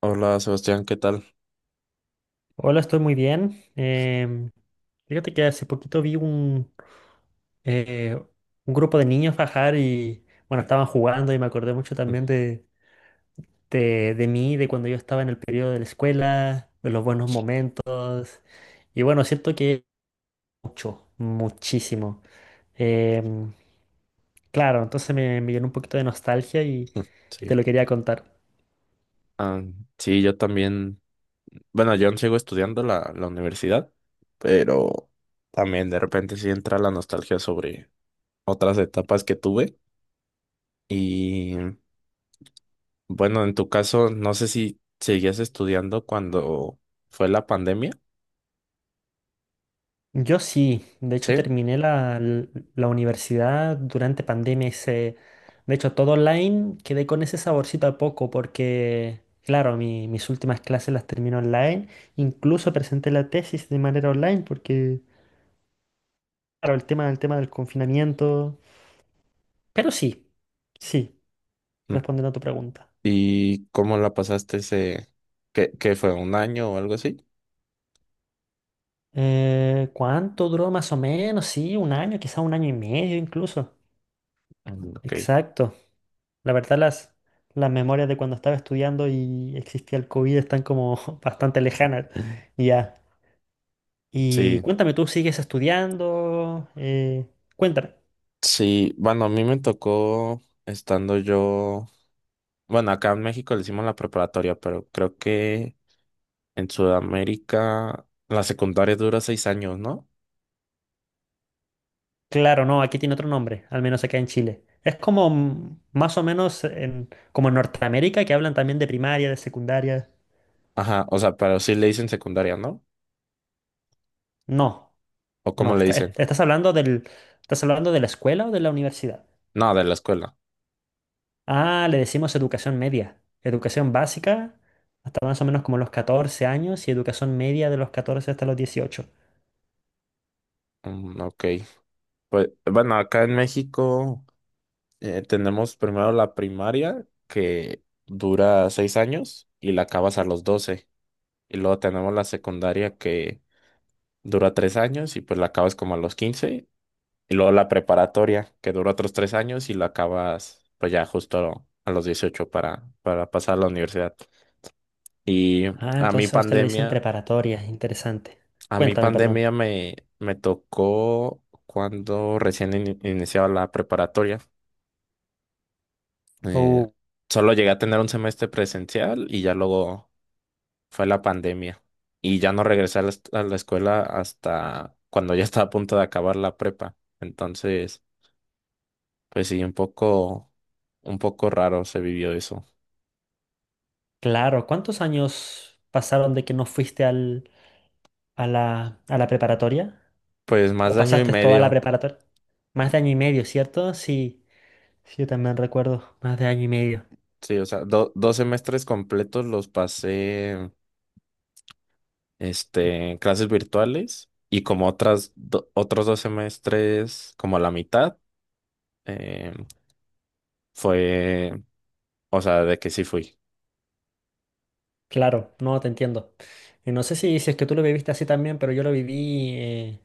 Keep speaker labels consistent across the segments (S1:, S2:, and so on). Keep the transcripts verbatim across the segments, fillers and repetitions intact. S1: Hola Sebastián, ¿qué tal?
S2: Hola, estoy muy bien. Em, fíjate que hace poquito vi un, eh, un grupo de niños bajar y, bueno, estaban jugando y me acordé mucho también de, de, de mí, de cuando yo estaba en el periodo de la escuela, de los buenos momentos. Y bueno, siento que mucho, muchísimo. Em, claro, entonces me, me llenó un poquito de nostalgia y, y te
S1: Sí.
S2: lo quería contar.
S1: Ah, sí, yo también. Bueno, yo aún sigo estudiando la, la universidad, pero también de repente sí entra la nostalgia sobre otras etapas que tuve. Y bueno, en tu caso, no sé si seguías estudiando cuando fue la pandemia.
S2: Yo sí, de hecho
S1: Sí.
S2: terminé la, l- la universidad durante pandemia, hice, de hecho todo online, quedé con ese saborcito a poco porque, claro, mi- mis últimas clases las terminé online, incluso presenté la tesis de manera online porque, claro, el tema, el tema del confinamiento, pero sí, sí,
S1: Mm.
S2: respondiendo a tu pregunta.
S1: ¿Y cómo la pasaste ese, qué, qué fue, un año o algo así?
S2: Eh, ¿cuánto duró más o menos? Sí, un año, quizá un año y medio incluso.
S1: Mm, ok,
S2: Exacto. La verdad, las, las memorias de cuando estaba estudiando y existía el COVID están como bastante lejanas. Y ya. Y
S1: sí,
S2: cuéntame, ¿tú sigues estudiando? Eh, cuéntame.
S1: sí, bueno, a mí me tocó estando yo. Bueno, acá en México le hicimos la preparatoria, pero creo que en Sudamérica la secundaria dura seis años, ¿no?
S2: Claro, no, aquí tiene otro nombre, al menos acá en Chile. Es como mm, más o menos en, como en Norteamérica, que hablan también de primaria, de secundaria.
S1: Ajá, o sea, pero sí le dicen secundaria, ¿no?
S2: No,
S1: ¿O cómo
S2: no,
S1: le
S2: está-
S1: dicen?
S2: est- estás hablando del, ¿estás hablando de la escuela o de la universidad?
S1: No, de la escuela.
S2: Ah, le decimos educación media. Educación básica hasta más o menos como los catorce años y educación media de los catorce hasta los dieciocho.
S1: Mm, ok. Pues bueno, acá en México eh, tenemos primero la primaria, que dura seis años y la acabas a los doce. Y luego tenemos la secundaria que dura tres años y pues la acabas como a los quince. Y luego la preparatoria, que dura otros tres años y lo acabas, pues ya justo a los dieciocho para, para pasar a la universidad. Y
S2: Ah,
S1: a mi
S2: entonces a usted le dicen
S1: pandemia,
S2: preparatoria, interesante.
S1: a mi
S2: Cuéntame, perdón.
S1: pandemia me, me tocó cuando recién in- iniciaba la preparatoria. Eh,
S2: Oh,
S1: Solo llegué a tener un semestre presencial y ya luego fue la pandemia. Y ya no regresé a la, est- a la escuela hasta cuando ya estaba a punto de acabar la prepa. Entonces. Pues sí, un poco, un poco raro se vivió eso.
S2: claro, ¿cuántos años pasaron de que no fuiste al, a la, a la preparatoria?
S1: Pues más
S2: ¿O
S1: de año y
S2: pasaste toda la
S1: medio.
S2: preparatoria? Más de año y medio, ¿cierto? Sí, sí, yo también recuerdo, más de año y medio.
S1: Sí, o sea, do- dos semestres completos los pasé, este, en clases virtuales y como otras, do- otros dos semestres, como la mitad, eh, fue, o sea, de que sí fui.
S2: Claro, no, te entiendo. Y no sé si, si es que tú lo viviste así también, pero yo lo viví... eh,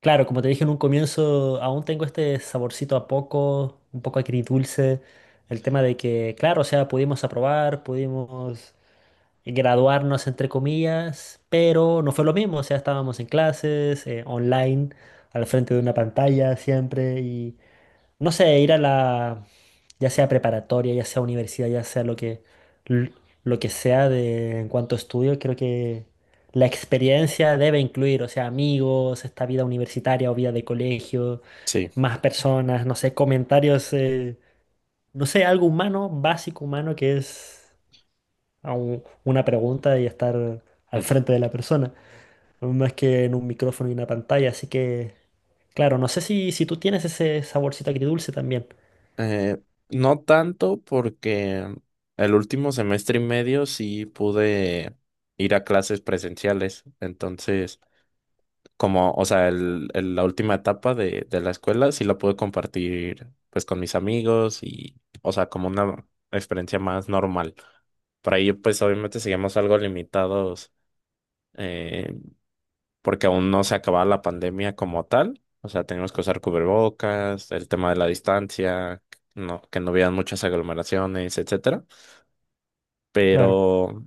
S2: Claro, como te dije en un comienzo, aún tengo este saborcito a poco, un poco agridulce. El tema de que, claro, o sea, pudimos aprobar, pudimos graduarnos, entre comillas, pero no fue lo mismo. O sea, estábamos en clases, eh, online, al frente de una pantalla siempre, y no sé, ir a la, ya sea preparatoria, ya sea universidad, ya sea lo que, l- lo que sea de, en cuanto a estudio, creo que la experiencia debe incluir, o sea, amigos, esta vida universitaria o vida de colegio,
S1: Sí.
S2: más personas, no sé, comentarios, eh, no sé, algo humano, básico humano, que es a un- una pregunta y estar al
S1: Mm.
S2: frente de la persona, más que en un micrófono y una pantalla, así que, claro, no sé si, si tú tienes ese saborcito agridulce también,
S1: Eh, no tanto porque el último semestre y medio sí pude ir a clases presenciales, entonces como, o sea, el- el- la última etapa de, de la escuela sí la pude compartir pues con mis amigos y, o sea, como una experiencia más normal. Por ahí pues obviamente seguimos algo limitados, eh, porque aún no se acababa la pandemia como tal. O sea, teníamos que usar cubrebocas, el tema de la distancia, no, que no hubieran muchas aglomeraciones, etcétera.
S2: claro.
S1: Pero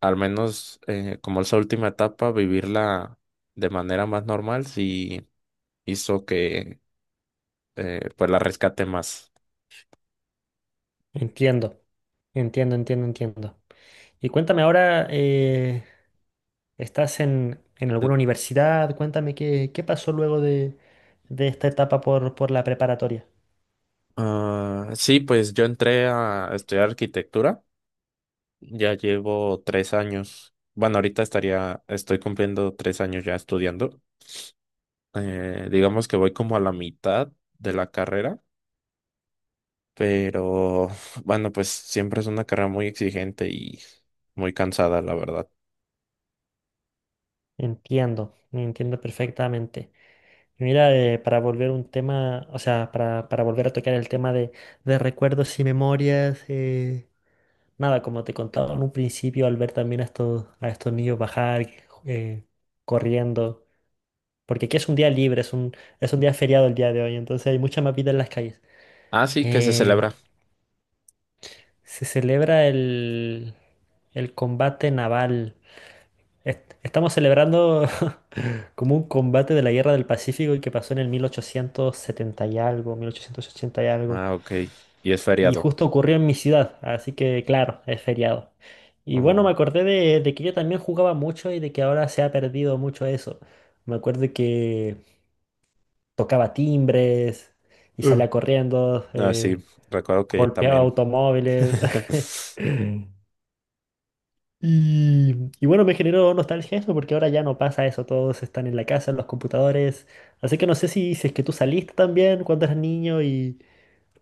S1: al menos, eh, como esa última etapa, vivirla de manera más normal, sí hizo que eh, pues la rescate más.
S2: Entiendo, entiendo, entiendo, entiendo. Y cuéntame ahora, eh, ¿estás en, en alguna universidad? Cuéntame qué, qué pasó luego de, de esta etapa por, por la preparatoria.
S1: Ah, sí, pues yo entré a estudiar arquitectura, ya llevo tres años. Bueno, ahorita estaría, estoy cumpliendo tres años ya estudiando. Eh, digamos que voy como a la mitad de la carrera, pero bueno, pues siempre es una carrera muy exigente y muy cansada, la verdad.
S2: Entiendo, entiendo perfectamente. Mira, eh, para volver un tema, o sea, para, para volver a tocar el tema de, de recuerdos y memorias, eh, nada, como te contaba en un principio, al ver también a estos, a estos niños bajar, eh, corriendo. Porque aquí es un día libre, es un, es un día feriado el día de hoy, entonces hay mucha más vida en las calles.
S1: Ah, sí, que se
S2: Eh,
S1: celebra.
S2: Se celebra el, el combate naval. Est- estamos celebrando como un combate de la Guerra del Pacífico y que pasó en el mil ochocientos setenta y algo, mil ochocientos ochenta y algo.
S1: Ah, ok. Y es
S2: Y
S1: feriado.
S2: justo ocurrió en mi ciudad, así que claro, es feriado. Y bueno,
S1: Oh.
S2: me acordé de, de que yo también jugaba mucho y de que ahora se ha perdido mucho eso. Me acuerdo que tocaba timbres y
S1: Uh.
S2: salía corriendo,
S1: Ah, sí,
S2: eh,
S1: recuerdo que
S2: golpeaba
S1: también.
S2: automóviles. Y, y bueno, me generó nostalgia eso porque ahora ya no pasa eso, todos están en la casa, en los computadores. Así que no sé si, si es que tú saliste también cuando eras niño y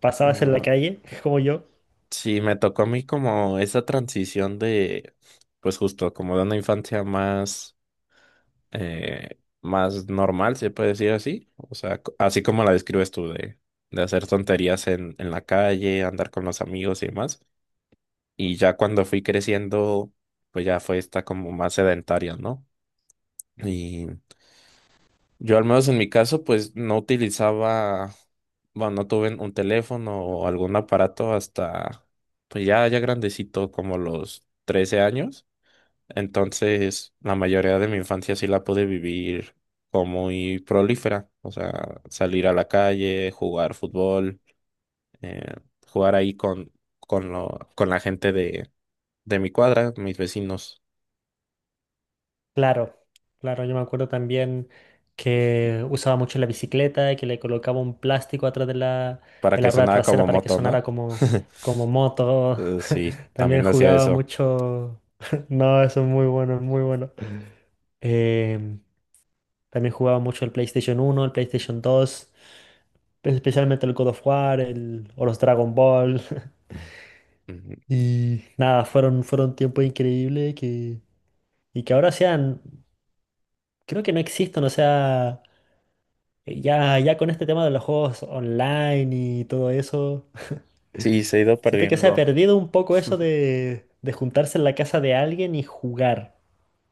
S2: pasabas en la
S1: Eh,
S2: calle, como yo.
S1: Sí, me tocó a mí como esa transición de, pues justo como de una infancia más, eh, más normal, se puede decir así, o sea, co- así como la describes tú, de, de hacer tonterías en, en la calle, andar con los amigos y demás, y ya cuando fui creciendo, pues ya fue esta como más sedentaria, ¿no? Yo al menos en mi caso, pues no utilizaba, bueno, no tuve un teléfono o algún aparato hasta, pues ya, ya grandecito, como los trece años. Entonces, la mayoría de mi infancia sí la pude vivir como muy prolífera, o sea, salir a la calle, jugar fútbol, eh, jugar ahí con, con, lo, con la gente de, de mi cuadra, mis vecinos,
S2: Claro, claro, yo me acuerdo también que usaba mucho la bicicleta y que le colocaba un plástico atrás de la,
S1: para
S2: de
S1: que
S2: la rueda
S1: sonara
S2: trasera
S1: como
S2: para que
S1: moto,
S2: sonara
S1: ¿no?
S2: como, como moto.
S1: Eh, Sí,
S2: También
S1: también hacía
S2: jugaba
S1: eso.
S2: mucho. No, eso es muy bueno, es muy bueno. Eh, También jugaba mucho el PlayStation uno, el PlayStation dos, pues, especialmente el God of War, el, o los Dragon Ball. Y nada, fueron, fueron tiempos increíbles que, y que ahora sean, creo que no existen, o sea. Eh, Ya, ya con este tema de los juegos online y todo eso,
S1: Sí, se ha ido
S2: siento que se ha
S1: perdiendo.
S2: perdido un poco eso de, de juntarse en la casa de alguien y jugar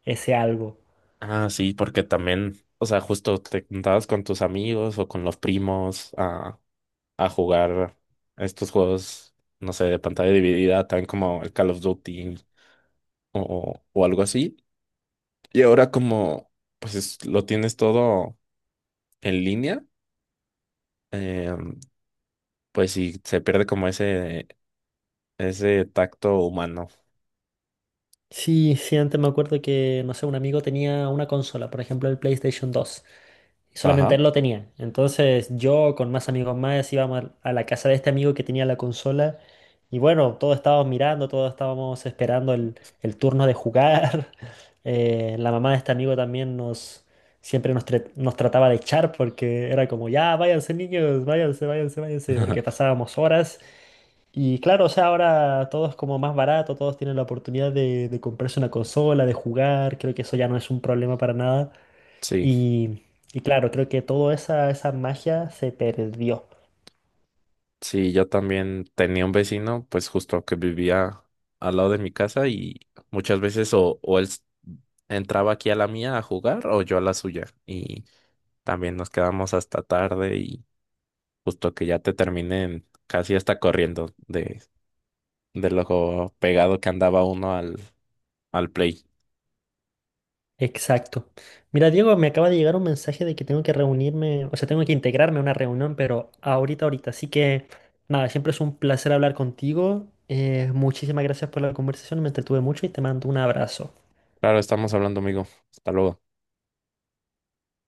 S2: ese algo.
S1: Ah, sí, porque también, o sea, justo te juntabas con tus amigos o con los primos a, a jugar estos juegos, no sé, de pantalla dividida, tan como el Call of Duty o, o algo así. Y ahora como, pues es- lo tienes todo en línea, eh, pues sí, se pierde como ese, ese tacto humano.
S2: Sí, sí, antes me acuerdo que, no sé, un amigo tenía una consola, por ejemplo el PlayStation dos, y solamente
S1: Ajá.
S2: él lo tenía. Entonces yo con más amigos más íbamos al- a la casa de este amigo que tenía la consola, y bueno, todos estábamos mirando, todos estábamos esperando el, el turno de jugar. Eh, la mamá de este amigo también nos, siempre nos, tra- nos trataba de echar porque era como, ya, váyanse niños, váyanse, váyanse, váyanse, porque pasábamos horas. Y claro, o sea, ahora todo es como más barato, todos tienen la oportunidad de, de comprarse una consola, de jugar, creo que eso ya no es un problema para nada.
S1: Sí.
S2: Y, y claro, creo que toda esa, esa magia se perdió.
S1: Sí, yo también tenía un vecino, pues justo que vivía al lado de mi casa y muchas veces o, o él s- entraba aquí a la mía a jugar o yo a la suya. Y también nos quedamos hasta tarde y justo que ya te terminen casi hasta corriendo de, de lo pegado que andaba uno al, al play.
S2: Exacto. Mira, Diego, me acaba de llegar un mensaje de que tengo que reunirme, o sea, tengo que integrarme a una reunión, pero ahorita, ahorita. Así que, nada, siempre es un placer hablar contigo. Eh, muchísimas gracias por la conversación, me entretuve mucho y te mando un abrazo.
S1: Claro, estamos hablando, amigo. Hasta luego.